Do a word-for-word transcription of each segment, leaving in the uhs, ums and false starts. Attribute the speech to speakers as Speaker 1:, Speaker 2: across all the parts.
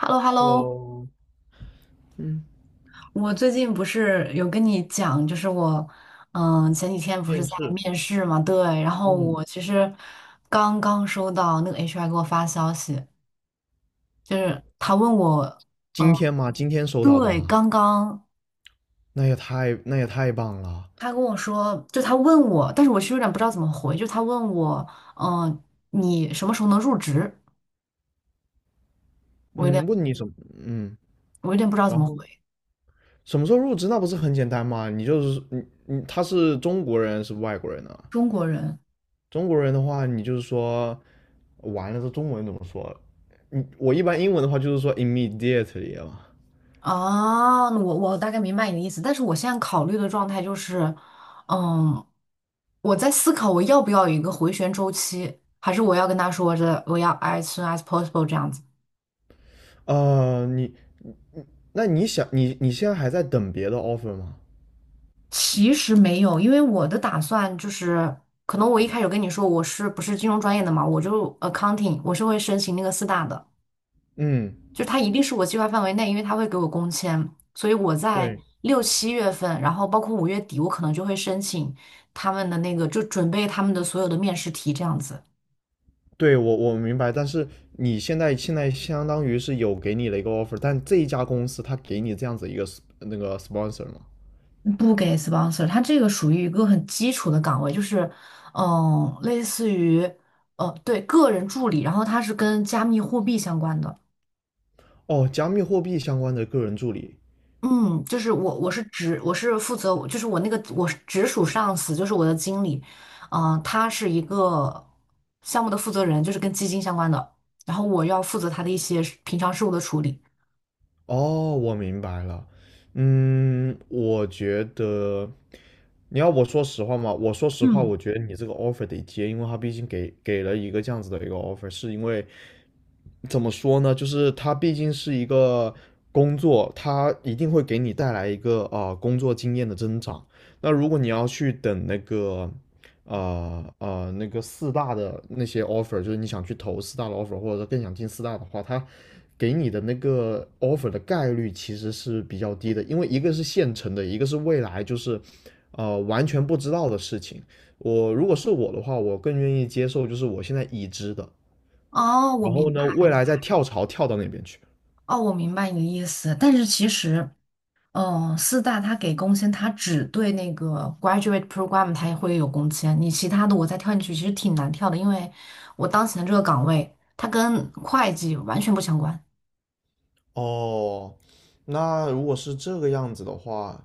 Speaker 1: h e l l o hello
Speaker 2: Hello，嗯，
Speaker 1: 我最近不是有跟你讲，就是我，嗯，前几天不是
Speaker 2: 面
Speaker 1: 在
Speaker 2: 试，
Speaker 1: 面试嘛，对，然后
Speaker 2: 嗯，
Speaker 1: 我其实刚刚收到那个 H R 给我发消息，就是他问我，
Speaker 2: 今天吗？今天收到的
Speaker 1: 对，
Speaker 2: 吗？
Speaker 1: 刚刚
Speaker 2: 那也太那也太棒了。
Speaker 1: 他跟我说，就他问我，但是我其实有点不知道怎么回，就他问我，嗯，你什么时候能入职？我有点，
Speaker 2: 嗯，问你什么？嗯，
Speaker 1: 我有点不知道怎
Speaker 2: 然
Speaker 1: 么回，
Speaker 2: 后什么时候入职？那不是很简单吗？你就是你你他是中国人是外国人呢？
Speaker 1: 中国人。
Speaker 2: 中国人的话，你就是说完了，这中文怎么说？你我一般英文的话就是说 immediately 嘛。
Speaker 1: 哦，我我大概明白你的意思，但是我现在考虑的状态就是，嗯，我在思考我要不要有一个回旋周期，还是我要跟他说着我要 as soon as possible 这样子。
Speaker 2: 呃，你那你想你你现在还在等别的 offer 吗？
Speaker 1: 其实没有，因为我的打算就是，可能我一开始跟你说我是不是金融专业的嘛，我就 accounting，我是会申请那个四大的。
Speaker 2: 嗯，
Speaker 1: 就它一定是我计划范围内，因为它会给我工签，所以我在
Speaker 2: 对。
Speaker 1: 六七月份，然后包括五月底，我可能就会申请他们的那个，就准备他们的所有的面试题这样子。
Speaker 2: 对我我明白，但是你现在现在相当于是有给你的一个 offer，但这一家公司它给你这样子一个 sp- 那个 sponsor 吗？
Speaker 1: 不给 sponsor，它这个属于一个很基础的岗位，就是嗯，类似于呃，对，个人助理，然后它是跟加密货币相关的。
Speaker 2: 哦，加密货币相关的个人助理。
Speaker 1: 嗯，就是我，我是直，我是负责，就是我那个我是直属上司，就是我的经理，嗯、呃他是一个项目的负责人，就是跟基金相关的，然后我要负责他的一些事平常事务的处理。
Speaker 2: 哦，我明白了。嗯，我觉得你要我说实话嘛，我说实话，我
Speaker 1: 嗯，
Speaker 2: 觉得你这个 offer 得接，因为他毕竟给给了一个这样子的一个 offer，是因为怎么说呢？就是它毕竟是一个工作，它一定会给你带来一个啊、呃工作经验的增长。那如果你要去等那个呃呃那个四大的那些 offer，就是你想去投四大的 offer，或者说更想进四大的话，它给你的那个 offer 的概率其实是比较低的，因为一个是现成的，一个是未来就是呃完全不知道的事情。我如果是我的话，我更愿意接受就是我现在已知的。
Speaker 1: 哦，我
Speaker 2: 然
Speaker 1: 明
Speaker 2: 后呢，
Speaker 1: 白，
Speaker 2: 未来再跳槽跳到那边去。
Speaker 1: 哦，我明白你的意思，但是其实，嗯、四大他给工签，他只对那个 graduate program 他也会有工签，你其他的我再跳进去其实挺难跳的，因为我当前的这个岗位它跟会计完全不相关。
Speaker 2: 哦，那如果是这个样子的话，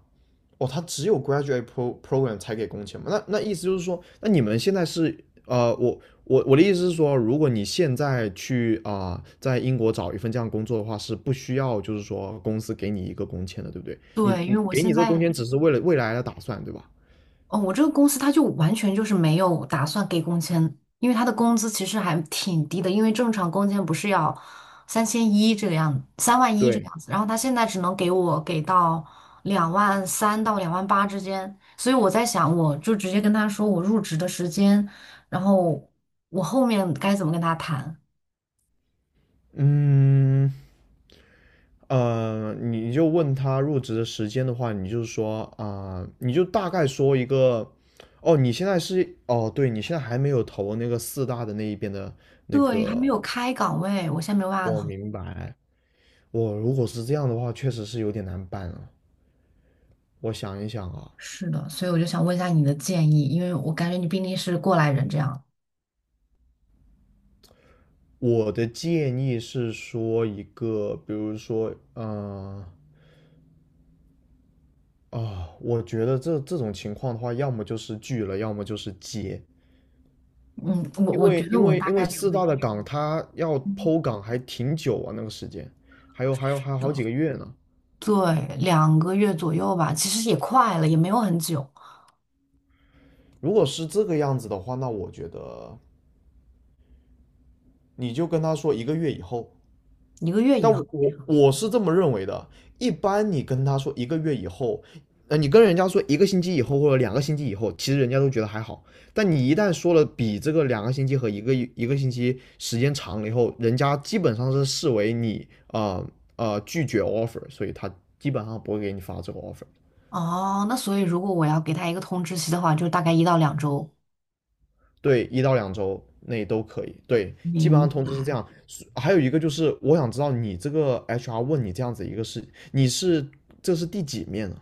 Speaker 2: 哦，他只有 graduate pro program 才给工钱吗？那那意思就是说，那你们现在是呃，我我我的意思是说，如果你现在去啊、呃在英国找一份这样工作的话，是不需要就是说公司给你一个工签的，对不对？你
Speaker 1: 对，因为
Speaker 2: 你
Speaker 1: 我
Speaker 2: 给你
Speaker 1: 现
Speaker 2: 这个工签
Speaker 1: 在。
Speaker 2: 只是为了未来的打算，对吧？
Speaker 1: 哦，我这个公司它就完全就是没有打算给工签，因为它的工资其实还挺低的，因为正常工签不是要三万一这个样，子，三万一这个
Speaker 2: 对，
Speaker 1: 样子，然后他现在只能给我给到两万三到两万八之间，所以我在想，我就直接跟他说我入职的时间，然后我后面该怎么跟他谈？
Speaker 2: 嗯，呃，你就问他入职的时间的话，你就说啊、你就大概说一个，哦，你现在是，哦，对，你现在还没有投那个四大的那一边的那
Speaker 1: 对，还没
Speaker 2: 个，
Speaker 1: 有开岗位，我现在没有办法
Speaker 2: 我
Speaker 1: 投。
Speaker 2: 明白。我如果是这样的话，确实是有点难办啊。我想一想啊，
Speaker 1: 是的，所以我就想问一下你的建议，因为我感觉你毕竟是过来人这样。
Speaker 2: 我的建议是说一个，比如说，呃，啊、我觉得这这种情况的话，要么就是拒了，要么就是接。
Speaker 1: 嗯，我
Speaker 2: 因
Speaker 1: 我觉
Speaker 2: 为
Speaker 1: 得
Speaker 2: 因
Speaker 1: 我
Speaker 2: 为
Speaker 1: 大
Speaker 2: 因为
Speaker 1: 概率
Speaker 2: 四
Speaker 1: 会。
Speaker 2: 大的岗它要剖岗还挺久啊，那个时间，还有还有还有好
Speaker 1: 的，
Speaker 2: 几个月呢。
Speaker 1: 对，两个月左右吧，其实也快了，也没有很久，
Speaker 2: 如果是这个样子的话，那我觉得你就跟他说一个月以后，
Speaker 1: 一个月以
Speaker 2: 但
Speaker 1: 后。
Speaker 2: 我我我是这么认为的。一般你跟他说一个月以后，呃，你跟人家说一个星期以后或者两个星期以后，其实人家都觉得还好。但你一旦说了比这个两个星期和一个一个星期时间长了以后，人家基本上是视为你啊呃呃拒绝 offer，所以他基本上不会给你发这个 offer。
Speaker 1: 哦，那所以如果我要给他一个通知期的话，就大概一到两周。
Speaker 2: 对，一到两周内都可以。对，基本
Speaker 1: 明
Speaker 2: 上通知是这
Speaker 1: 白。
Speaker 2: 样。还有一个就是，我想知道你这个 H R 问你这样子一个事，你是这是第几面呢？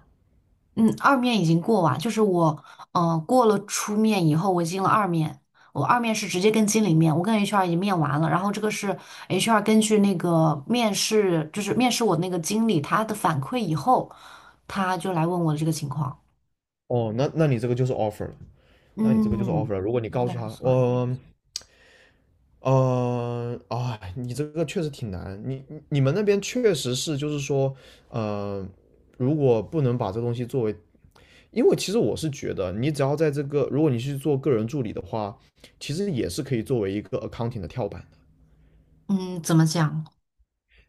Speaker 1: 嗯，二面已经过完，就是我，嗯、过了初面以后，我进了二面。我二面是直接跟经理面，我跟 H R 已经面完了，然后这个是 H R 根据那个面试，就是面试我那个经理他的反馈以后，他就来问我的这个情况。
Speaker 2: 哦，那那你这个就是 offer 了，那你这个就是 offer
Speaker 1: 嗯，
Speaker 2: 了。如果你
Speaker 1: 应
Speaker 2: 告
Speaker 1: 该
Speaker 2: 诉
Speaker 1: 还
Speaker 2: 他，
Speaker 1: 算。
Speaker 2: 嗯呃，呃啊、你这个确实挺难，你你你们那边确实是，就是说，呃，如果不能把这东西作为，因为其实我是觉得，你只要在这个，如果你去做个人助理的话，其实也是可以作为一个 accounting 的跳板的。
Speaker 1: 嗯，怎么讲？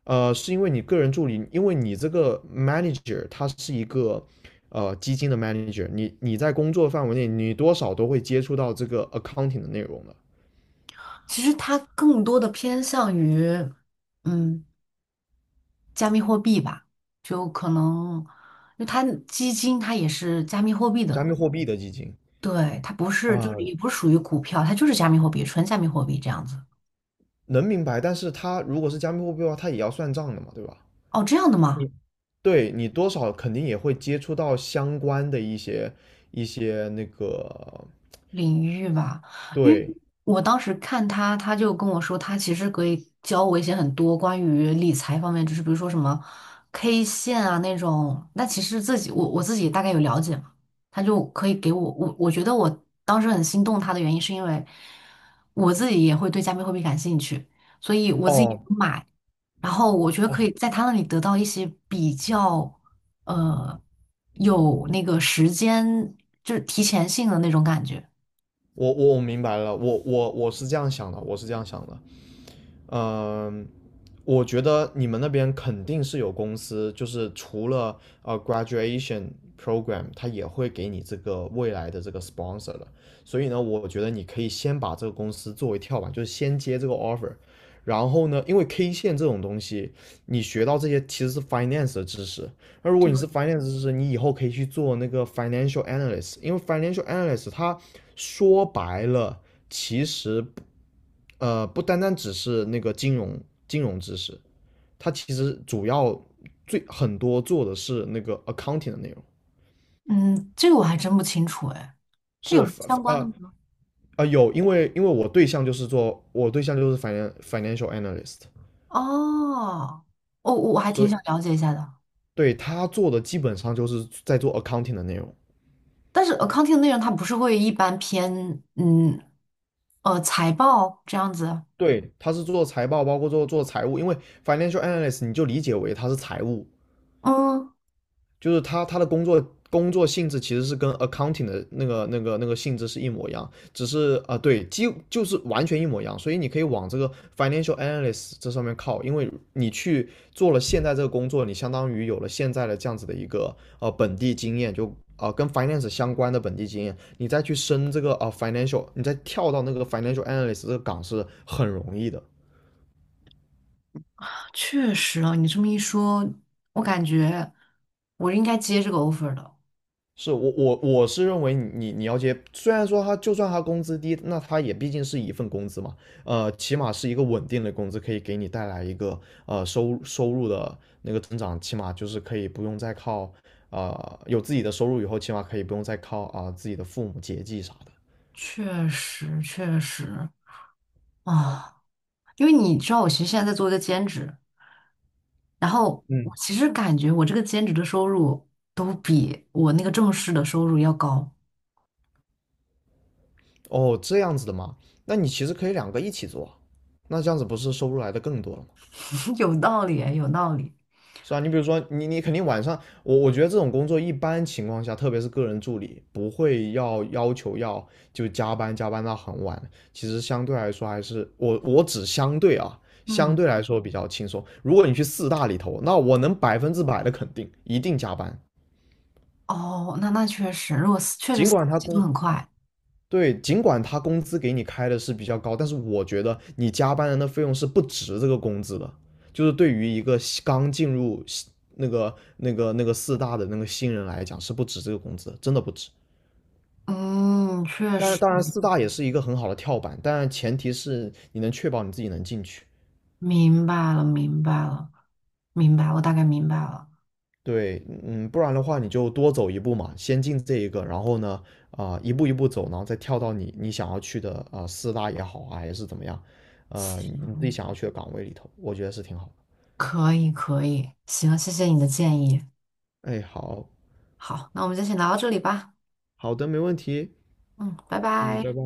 Speaker 2: 呃，是因为你个人助理，因为你这个 manager 他是一个呃基金的 manager，你你在工作范围内，你多少都会接触到这个 accounting 的内容的。
Speaker 1: 其实它更多的偏向于，嗯，加密货币吧，就可能，因为它基金它也是加密货币
Speaker 2: 加
Speaker 1: 的，
Speaker 2: 密货币的基金
Speaker 1: 对，它不是，就是
Speaker 2: 啊、
Speaker 1: 也不是属于股票，它就是加密货币，纯加密货币这样子。
Speaker 2: 能明白。但是它如果是加密货币的话，它也要算账的嘛，对吧？
Speaker 1: 哦，这样的吗？
Speaker 2: 你对你多少肯定也会接触到相关的一些一些那个
Speaker 1: 领域吧，因为
Speaker 2: 对
Speaker 1: 我当时看他，他就跟我说，他其实可以教我一些很多关于理财方面，就是比如说什么 K 线啊那种，那其实自己我我自己大概有了解嘛，他就可以给我我我觉得我当时很心动他的原因是因为我自己也会对加密货币感兴趣，所以我自己
Speaker 2: 哦
Speaker 1: 有买，然后我觉得可以
Speaker 2: 哦，
Speaker 1: 在他那里得到一些比较呃有那个时间就是提前性的那种感觉。
Speaker 2: 我我我明白了，我我我是这样想的，我是这样想的，嗯、呃我觉得你们那边肯定是有公司，就是除了呃 graduation program，它也会给你这个未来的这个 sponsor 的。所以呢，我觉得你可以先把这个公司作为跳板，就是先接这个 offer。然后呢，因为 K 线这种东西，你学到这些其实是 finance 的知识。那如果你是 finance 知识，你以后可以去做那个 financial analyst，因为 financial analyst 它说白了，其实呃，不单单只是那个金融金融知识，它其实主要最很多做的是那个 accounting 的内容，
Speaker 1: 嗯，这个我还真不清楚哎，它有
Speaker 2: 是
Speaker 1: 什么相关的
Speaker 2: 呃
Speaker 1: 吗？
Speaker 2: 呃有，因为因为我对象就是做我对象就是 finan financial analyst，
Speaker 1: 哦，我我还
Speaker 2: 所
Speaker 1: 挺想
Speaker 2: 以
Speaker 1: 了解一下的。
Speaker 2: 对他做的基本上就是在做 accounting 的内容。
Speaker 1: 但是 accounting 的内容它不是会一般偏嗯呃财报这样子？
Speaker 2: 对，他是做财报，包括做做财务，因为 financial analyst 你就理解为他是财务
Speaker 1: 嗯，
Speaker 2: 就是他他的工作工作性质其实是跟 accounting 的那个那个那个性质是一模一样，只是啊、呃对，几就是完全一模一样，所以你可以往这个 financial analyst 这上面靠，因为你去做了现在这个工作，你相当于有了现在的这样子的一个呃本地经验，就啊、呃跟 finance 相关的本地经验，你再去升这个啊、呃 financial，你再跳到那个 financial analyst 这个岗是很容易的。
Speaker 1: 确实啊，你这么一说，我感觉我应该接这个 offer 的。
Speaker 2: 是我我我是认为你你要接，虽然说他就算他工资低，那他也毕竟是一份工资嘛，呃，起码是一个稳定的工资，可以给你带来一个呃收收入的那个增长，起码就是可以不用再靠呃有自己的收入以后，起码可以不用再靠啊、呃自己的父母节济啥的。
Speaker 1: 确实，确实啊，因为你知道，我其实现在在做一个兼职，然后我
Speaker 2: 嗯，
Speaker 1: 其实感觉我这个兼职的收入都比我那个正式的收入要高。
Speaker 2: 哦，这样子的嘛，那你其实可以两个一起做啊，那这样子不是收入来的更多了吗？
Speaker 1: 有道理哎，有道理。
Speaker 2: 是啊，你比如说，你你肯定晚上，我我觉得这种工作一般情况下，特别是个人助理，不会要要求要就加班加班到很晚。其实相对来说还是我我只相对啊，相
Speaker 1: 嗯，
Speaker 2: 对来说比较轻松。如果你去四大里头，那我能百分之百的肯定，一定加班。
Speaker 1: 哦，那那确实，如果是确实
Speaker 2: 尽
Speaker 1: 三
Speaker 2: 管
Speaker 1: 个
Speaker 2: 他
Speaker 1: 节奏
Speaker 2: 工
Speaker 1: 很快，
Speaker 2: 对，尽管他工资给你开的是比较高，但是我觉得你加班人的那费用是不值这个工资的。就是对于一个刚进入那个那个那个四大的那个新人来讲，是不值这个工资真的不值。
Speaker 1: 嗯，确
Speaker 2: 但是
Speaker 1: 实
Speaker 2: 当然，四大也是一个很好的跳板，但前提是你能确保你自己能进去。
Speaker 1: 明白了，明白了，明白，我大概明白了。
Speaker 2: 对，嗯，不然的话你就多走一步嘛，先进这一个，然后呢，啊、一步一步走，然后再跳到你你想要去的啊、呃四大也好啊，还是怎么样，呃，你自己想要去的岗位里头，我觉得是挺好的。
Speaker 1: 可以，可以，行，谢谢你的建议。
Speaker 2: 哎，好，
Speaker 1: 好，那我们就先聊到这里吧。
Speaker 2: 好的，没问题，
Speaker 1: 嗯，拜
Speaker 2: 嗯，
Speaker 1: 拜。
Speaker 2: 拜拜。